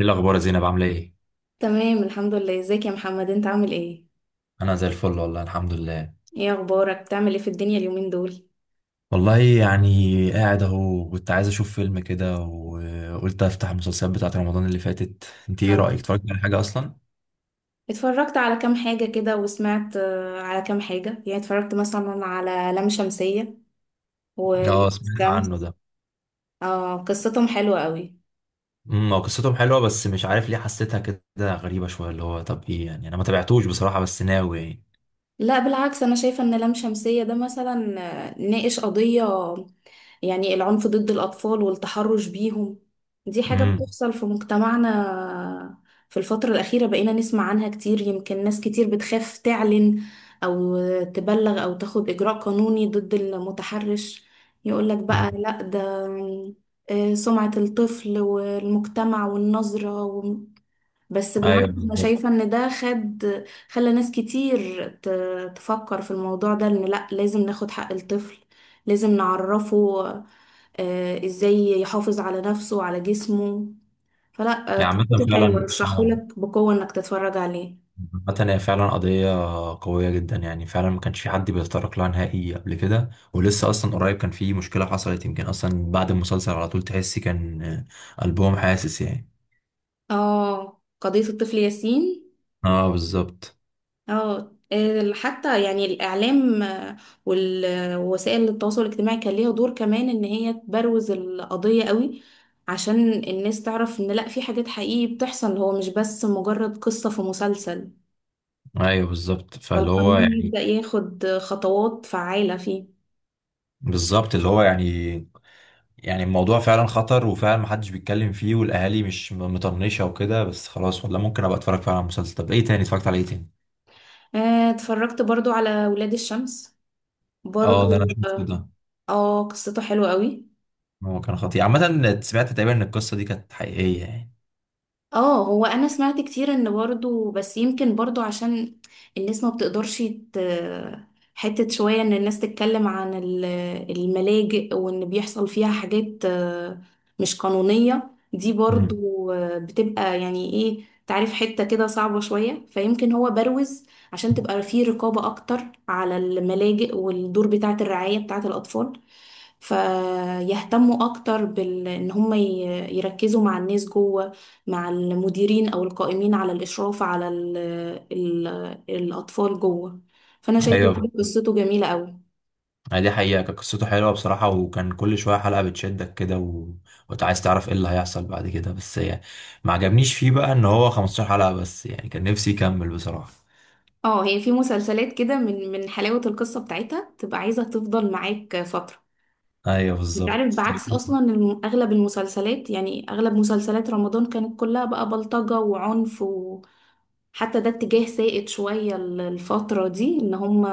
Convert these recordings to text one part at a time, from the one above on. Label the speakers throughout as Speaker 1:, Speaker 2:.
Speaker 1: ايه الاخبار يا زينب؟ عامله ايه؟
Speaker 2: تمام، الحمد لله. ازيك يا محمد؟ انت عامل ايه؟
Speaker 1: انا زي الفل، والله الحمد لله.
Speaker 2: ايه اخبارك؟ بتعمل ايه في الدنيا اليومين دول؟
Speaker 1: والله يعني قاعد اهو، كنت عايز اشوف فيلم كده وقلت افتح المسلسلات بتاعت رمضان اللي فاتت. انت ايه
Speaker 2: اه،
Speaker 1: رايك؟ اتفرجت على حاجه اصلا؟
Speaker 2: اتفرجت على كام حاجة كده وسمعت، على كام حاجة. يعني اتفرجت مثلا على لام شمسية و- ولام
Speaker 1: اه، سمعت عنه
Speaker 2: الشمس.
Speaker 1: ده.
Speaker 2: اه، قصتهم حلوة قوي.
Speaker 1: هو قصتهم حلوه بس مش عارف ليه حسيتها كده غريبه شويه. اللي هو طب ايه يعني، انا ما تابعتوش بصراحه، بس ناوي يعني.
Speaker 2: لا بالعكس، انا شايفة ان لام شمسية ده مثلا ناقش قضية، يعني العنف ضد الأطفال والتحرش بيهم. دي حاجة
Speaker 1: امم،
Speaker 2: بتحصل في مجتمعنا في الفترة الأخيرة. بقينا نسمع عنها كتير. يمكن ناس كتير بتخاف تعلن أو تبلغ أو تاخد إجراء قانوني ضد المتحرش، يقولك
Speaker 1: أمم.
Speaker 2: بقى لأ، ده سمعة الطفل والمجتمع والنظرة. بس
Speaker 1: ايوه
Speaker 2: بالعكس، انا
Speaker 1: بالظبط.
Speaker 2: شايفة ان ده خد، خلى ناس كتير تفكر في الموضوع ده، ان لا، لازم ناخد حق الطفل، لازم نعرفه ازاي يحافظ على نفسه وعلى جسمه. فلا
Speaker 1: يعني مثلا
Speaker 2: قصته
Speaker 1: فعلا
Speaker 2: حلوة،
Speaker 1: فعلا،
Speaker 2: رشحهولك بقوة انك تتفرج عليه.
Speaker 1: عامة هي فعلا قضية قوية جدا. يعني فعلا ما كانش في حد بيتطرق لها نهائي قبل كده، ولسه أصلا قريب كان في مشكلة حصلت، يمكن أصلا بعد المسلسل على طول تحسي كان قلبهم حاسس يعني.
Speaker 2: اه، قضية الطفل ياسين.
Speaker 1: اه بالظبط.
Speaker 2: اه، حتى يعني الإعلام، وال- ووسائل التواصل الاجتماعي كان ليها دور كمان إن هي تبروز القضية قوي، عشان الناس تعرف إن لأ، في حاجات حقيقي بتحصل، هو مش بس مجرد قصة في مسلسل.
Speaker 1: ايوه بالظبط، فاللي هو
Speaker 2: فالقانون
Speaker 1: يعني.
Speaker 2: يبدأ ياخد خطوات فعالة فيه.
Speaker 1: بالظبط اللي هو يعني. يعني الموضوع فعلا خطر وفعلا محدش بيتكلم فيه، والأهالي مش مطنشة وكده، بس خلاص والله ممكن أبقى أتفرج فعلا على المسلسل. طب إيه تاني؟ اتفرجت على إيه تاني؟
Speaker 2: اتفرجت برضو على ولاد الشمس،
Speaker 1: اه
Speaker 2: برضو.
Speaker 1: ده أنا شفته
Speaker 2: اه،
Speaker 1: ده.
Speaker 2: قصته حلوة قوي.
Speaker 1: هو كان خطير عامة، سمعت تقريبا إن القصة دي كانت حقيقية يعني.
Speaker 2: اه، هو انا سمعت كتير ان برضو، بس يمكن برضو عشان الناس ما بتقدرش حتة شوية ان الناس تتكلم عن الملاجئ وان بيحصل فيها حاجات مش قانونية. دي برضو
Speaker 1: مم.
Speaker 2: بتبقى يعني ايه، تعرف، حتة كده صعبة شوية، فيمكن هو بروز عشان تبقى فيه رقابة اكتر على الملاجئ والدور بتاعة الرعاية بتاعة الاطفال، فيهتموا اكتر بال ان هم يركزوا مع الناس جوه، مع المديرين او القائمين على الاشراف على ال الاطفال جوه. فانا شايفه
Speaker 1: ايوه،
Speaker 2: برضه قصته جميله قوي.
Speaker 1: يعني دي حقيقة كانت قصته حلوة بصراحة، وكان كل شوية حلقة بتشدك كده. وانت عايز تعرف ايه اللي هيحصل بعد كده. بس يعني ما عجبنيش فيه بقى ان هو 15 حلقة بس، يعني كان نفسي يكمل بصراحة.
Speaker 2: اه، هي في مسلسلات كده من حلاوه القصه بتاعتها تبقى عايزه تفضل معاك فتره.
Speaker 1: ايوه
Speaker 2: انت
Speaker 1: بالظبط.
Speaker 2: عارف، بعكس اصلا اغلب المسلسلات، يعني اغلب مسلسلات رمضان كانت كلها بقى بلطجة وعنف. وحتى ده اتجاه سائد شوية الفترة دي، ان هم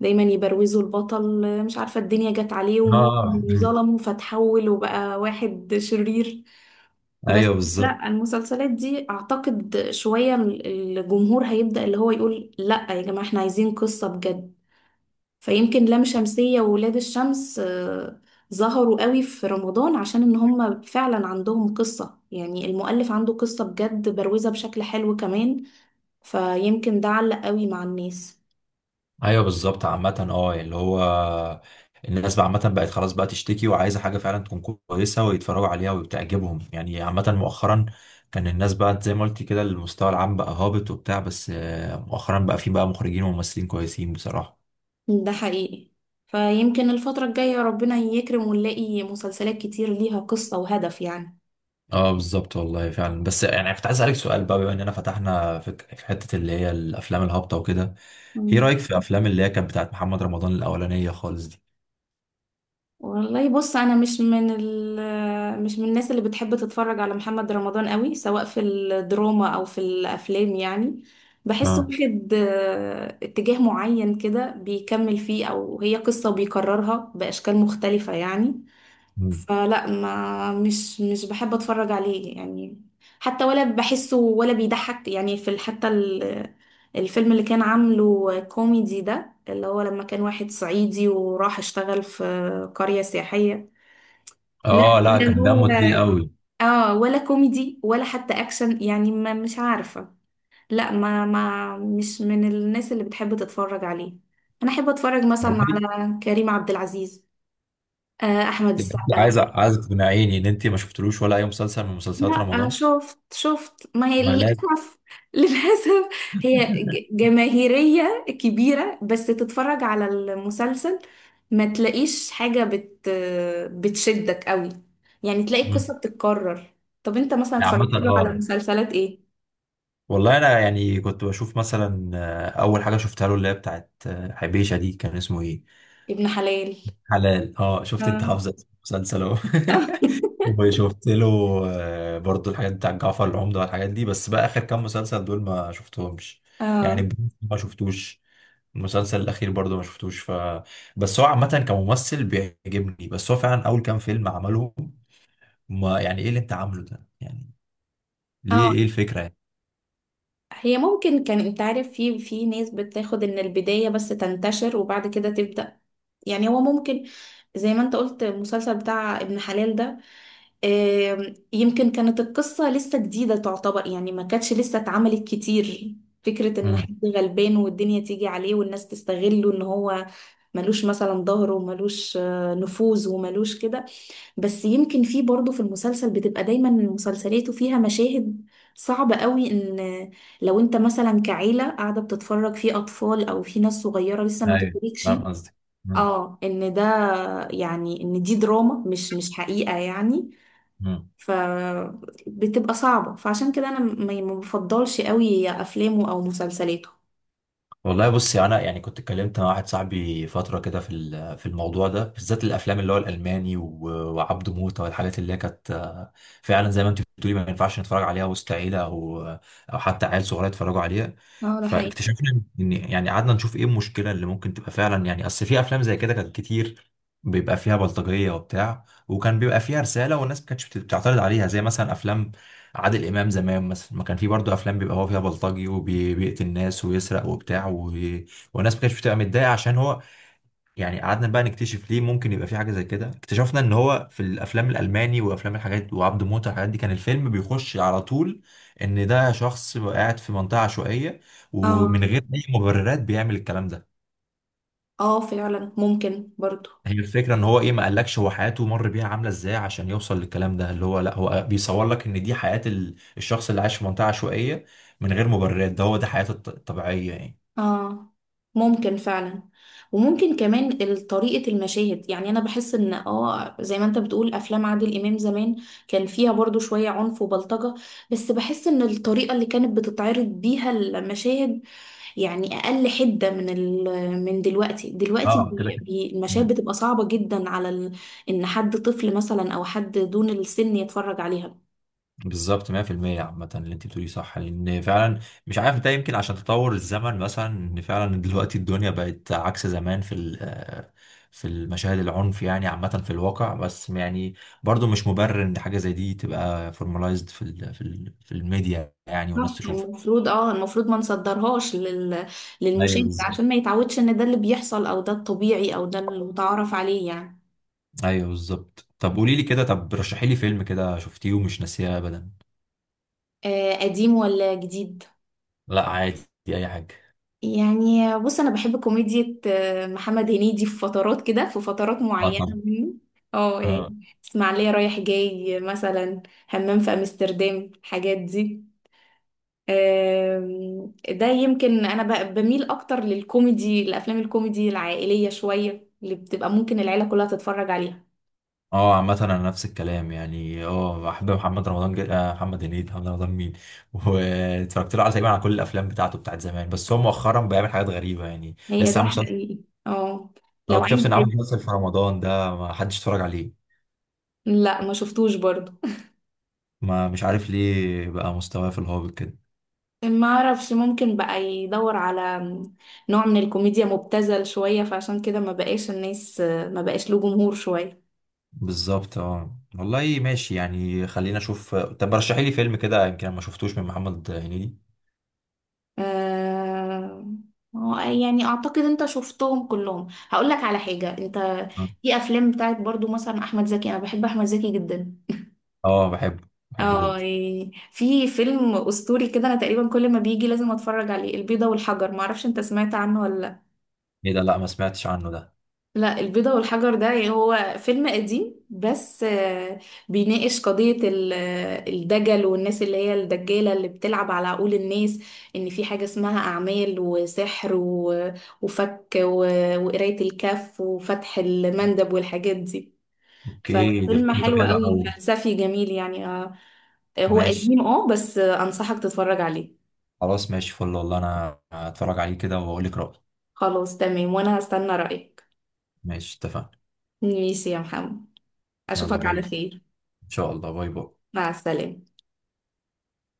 Speaker 2: دايما يبروزوا البطل، مش عارفة الدنيا جت عليه ومين
Speaker 1: اه.
Speaker 2: اللي ظلمه فتحول وبقى واحد شرير. بس
Speaker 1: ايوه بالظبط.
Speaker 2: لا، المسلسلات دي اعتقد شوية الجمهور هيبدأ اللي هو يقول لا يا جماعة، احنا عايزين قصة بجد. فيمكن لام شمسية وولاد الشمس ظهروا قوي في رمضان عشان ان هم فعلا عندهم قصة، يعني المؤلف عنده قصة بجد، بروزة بشكل حلو كمان، فيمكن ده علق قوي مع الناس.
Speaker 1: ايوه بالظبط، عامة اه يعني اللي هو الناس بقى عامة بقت خلاص بقى تشتكي وعايزة حاجة فعلا تكون كويسة ويتفرجوا عليها وبتعجبهم، يعني عامة مؤخرا كان الناس بقى زي ما قلت كده المستوى العام بقى هابط وبتاع. بس مؤخرا بقى في بقى مخرجين وممثلين كويسين بصراحة.
Speaker 2: ده حقيقي. فيمكن الفترة الجاية ربنا يكرم ونلاقي مسلسلات كتير ليها قصة وهدف يعني.
Speaker 1: اه بالظبط، والله فعلا. بس يعني كنت عايز اسألك سؤال بقى، بما اننا فتحنا في حتة اللي هي الافلام الهابطة وكده. ايه
Speaker 2: مم.
Speaker 1: رأيك في افلام اللي هي كانت بتاعت محمد رمضان الاولانية خالص دي؟
Speaker 2: والله بص، انا مش من الناس اللي بتحب تتفرج على محمد رمضان قوي، سواء في الدراما او في الافلام. يعني بحسه
Speaker 1: اه.
Speaker 2: واخد اتجاه معين كده بيكمل فيه، او هي قصة بيكررها باشكال مختلفة يعني.
Speaker 1: مم.
Speaker 2: فلا ما مش مش بحب اتفرج عليه يعني. حتى ولا بحسه ولا بيضحك، يعني في حتى الفيلم اللي كان عامله كوميدي ده اللي هو لما كان واحد صعيدي وراح اشتغل في قرية سياحية. لا،
Speaker 1: اه، لا
Speaker 2: ولا
Speaker 1: كان
Speaker 2: هو
Speaker 1: دمه تقيل قوي.
Speaker 2: اه ولا كوميدي ولا حتى اكشن، يعني ما مش عارفة. لا، ما ما مش من الناس اللي بتحب تتفرج عليه. انا احب اتفرج مثلا على كريم عبد العزيز، احمد
Speaker 1: يعني انت
Speaker 2: السقا.
Speaker 1: عايز تقنعيني ان انت ما شفتلوش ولا اي مسلسل من مسلسلات
Speaker 2: لا
Speaker 1: رمضان؟
Speaker 2: شفت، ما هي
Speaker 1: ما لازم.
Speaker 2: للأسف للأسف هي جماهيرية كبيرة، بس تتفرج على المسلسل ما تلاقيش حاجة بتشدك قوي، يعني تلاقي
Speaker 1: مم.
Speaker 2: القصة بتتكرر. طب انت مثلا
Speaker 1: يعني عامة
Speaker 2: اتفرجت له على
Speaker 1: اه،
Speaker 2: مسلسلات ايه؟
Speaker 1: والله انا يعني كنت بشوف مثلا، اول حاجة شفتها له اللي هي بتاعت حبيشة دي، كان اسمه ايه؟
Speaker 2: ابن حلال،
Speaker 1: حلال، اه. شفت انت
Speaker 2: اه
Speaker 1: حافظة اسم المسلسل اهو وشفت له برضو الحاجات بتاع جعفر العمدة والحاجات دي، بس بقى آخر كام مسلسل دول ما شفتهمش. يعني
Speaker 2: اه
Speaker 1: البرنس ما شفتوش، المسلسل الأخير برضو ما شفتوش. بس هو عامة كممثل بيعجبني، بس هو فعلا أول كام فيلم عملهم، ما يعني إيه اللي أنت عامله ده يعني؟ ليه؟
Speaker 2: اه
Speaker 1: إيه الفكرة يعني؟
Speaker 2: هي ممكن، كان انت عارف في ناس بتاخد ان البداية بس تنتشر وبعد كده تبدأ، يعني هو ممكن، زي ما انت قلت، المسلسل بتاع ابن حلال ده يمكن كانت القصة لسه جديدة تعتبر، يعني ما كانتش لسه اتعملت كتير، فكرة ان
Speaker 1: امم،
Speaker 2: حد غلبان والدنيا تيجي عليه والناس تستغله ان هو ملوش مثلا ظهر وملوش نفوذ وملوش كده. بس يمكن في برضه في المسلسل بتبقى دايما مسلسلاته فيها مشاهد صعبة قوي، ان لو انت مثلا كعيلة قاعدة بتتفرج في اطفال او في ناس صغيرة لسه ما
Speaker 1: ايوه
Speaker 2: تدركش
Speaker 1: فاهم قصدي.
Speaker 2: اه ان ده، يعني ان دي دراما مش حقيقة يعني. فبتبقى صعبة، فعشان كده انا ما بفضلش قوي افلامه او مسلسلاته.
Speaker 1: والله بصي انا يعني كنت اتكلمت مع واحد صاحبي فتره كده في الموضوع ده بالذات، الافلام اللي هو الالماني وعبده موته والحاجات اللي هي كانت فعلا زي ما انت بتقولي ما ينفعش نتفرج عليها وسط عيله، او او حتى عيال صغيره يتفرجوا عليها.
Speaker 2: اه ده حقيقي.
Speaker 1: فاكتشفنا ان يعني قعدنا نشوف ايه المشكله اللي ممكن تبقى فعلا، يعني اصل في افلام زي كده كانت كتير بيبقى فيها بلطجيه وبتاع، وكان بيبقى فيها رساله والناس ما كانتش بتعترض عليها، زي مثلا افلام عادل امام زمان مثلا، ما كان في برضه افلام بيبقى هو فيها بلطجي وبيقتل الناس ويسرق وبتاع. والناس ما كانتش بتبقى متضايقه عشان هو. يعني قعدنا بقى نكتشف ليه ممكن يبقى في حاجه زي كده. اكتشفنا ان هو في الافلام الالماني وافلام الحاجات وعبد موته الحاجات دي، كان الفيلم بيخش على طول ان ده شخص قاعد في منطقه عشوائيه، ومن
Speaker 2: اه
Speaker 1: غير اي مبررات بيعمل الكلام ده.
Speaker 2: اه فعلا ممكن برضه،
Speaker 1: هي الفكرة ان هو ايه؟ ما قالكش هو حياته مر بيها عاملة ازاي عشان يوصل للكلام ده، اللي هو لا، هو بيصور لك ان دي حياة الشخص اللي عايش في منطقة عشوائية، من غير مبررات، ده هو ده حياته الطبيعية يعني.
Speaker 2: اه ممكن فعلا. وممكن كمان طريقة المشاهد. يعني انا بحس ان اه زي ما انت بتقول افلام عادل امام زمان كان فيها برضو شوية عنف وبلطجة، بس بحس ان الطريقة اللي كانت بتتعرض بيها المشاهد يعني اقل حدة من ال، من دلوقتي. دلوقتي
Speaker 1: اه كده
Speaker 2: بي
Speaker 1: كده.
Speaker 2: بي المشاهد
Speaker 1: مم.
Speaker 2: بتبقى صعبة جدا على ال، ان حد طفل مثلا او حد دون السن يتفرج عليها.
Speaker 1: بالظبط 100%. عامة اللي انت بتقوليه صح، لان فعلا مش عارف ده يمكن عشان تطور الزمن مثلا، ان فعلا دلوقتي الدنيا بقت عكس زمان في ال- آه، في المشاهد العنف يعني، عامة في الواقع. بس يعني برضو مش مبرر ان حاجة زي دي تبقى فورماليزد في الميديا يعني والناس
Speaker 2: صح،
Speaker 1: تشوفها.
Speaker 2: المفروض اه ما نصدرهاش
Speaker 1: ايوه
Speaker 2: للمشاهد
Speaker 1: بالظبط.
Speaker 2: عشان ما يتعودش ان ده اللي بيحصل، او ده الطبيعي، او ده اللي متعارف عليه يعني.
Speaker 1: ايوه بالظبط، طب قولي لي كده، طب رشحي لي فيلم كده شفتيه ومش ناسيه ابدا.
Speaker 2: آه، قديم ولا جديد؟
Speaker 1: لا عادي، اي حاجه.
Speaker 2: يعني بص، انا بحب كوميديا محمد هنيدي في فترات كده، في فترات
Speaker 1: اه
Speaker 2: معينة
Speaker 1: طبعا.
Speaker 2: منه. اه يعني
Speaker 1: اه.
Speaker 2: اسماعيلية رايح جاي مثلا، همام في امستردام، الحاجات دي. ده يمكن انا بميل اكتر للكوميدي، الافلام الكوميدي العائلية شوية اللي بتبقى ممكن العيلة كلها تتفرج عليها.
Speaker 1: اه عامة انا نفس الكلام، يعني اه بحب محمد رمضان جد... آه محمد هنيدي محمد رمضان مين واتفرجت له على تقريبا على كل الافلام بتاعته بتاعت زمان، بس هو مؤخرا بيعمل حاجات غريبة، يعني
Speaker 2: هي
Speaker 1: لسه
Speaker 2: ده
Speaker 1: عامل مسلسل.
Speaker 2: حقيقي. اه،
Speaker 1: اه
Speaker 2: لو عايز.
Speaker 1: اكتشفت ان عامل مسلسل في رمضان ده ما حدش اتفرج عليه.
Speaker 2: لا، ما شفتوش برضو.
Speaker 1: ما مش عارف ليه بقى مستواه في الهابط كده.
Speaker 2: ما اعرفش، ممكن بقى يدور على نوع من الكوميديا مبتذل شوية، فعشان كده ما بقاش له جمهور شوية.
Speaker 1: بالظبط، اه والله ماشي، يعني خلينا اشوف. طب رشحي لي فيلم كده يمكن أنا ما شفتوش من محمد هنيدي.
Speaker 2: آه... يعني اعتقد انت شفتهم كلهم. هقول لك على حاجة، انت في افلام بتاعت برضو مثلا احمد زكي، انا بحب احمد زكي جدا
Speaker 1: اه بحبه بحبه
Speaker 2: اه،
Speaker 1: جدا.
Speaker 2: يعني في فيلم اسطوري كده انا تقريبا كل ما بيجي لازم اتفرج عليه، البيضة والحجر، ما اعرفش انت سمعت عنه ولا؟
Speaker 1: ايه ده؟ لا ما سمعتش عنه ده.
Speaker 2: لا، البيضة والحجر ده، يعني هو فيلم قديم بس، بيناقش قضية الدجل والناس اللي هي الدجالة اللي بتلعب على عقول الناس، إن في حاجة اسمها أعمال وسحر وفك وقراية الكف وفتح المندب والحاجات دي.
Speaker 1: اوكي، ده
Speaker 2: ففيلم
Speaker 1: فكرته
Speaker 2: حلو
Speaker 1: حلوه
Speaker 2: قوي،
Speaker 1: قوي.
Speaker 2: فلسفي جميل يعني. هو
Speaker 1: ماشي.
Speaker 2: قديم اه، بس أنصحك تتفرج عليه.
Speaker 1: خلاص ماشي فل، والله انا هتفرج عليه كده واقول لك رأيي.
Speaker 2: خلاص تمام، وأنا هستنى رأيك.
Speaker 1: ماشي اتفقنا.
Speaker 2: ماشي يا محمد،
Speaker 1: يلا
Speaker 2: أشوفك
Speaker 1: باي
Speaker 2: على
Speaker 1: باي.
Speaker 2: خير.
Speaker 1: ان شاء الله باي باي.
Speaker 2: مع السلامة.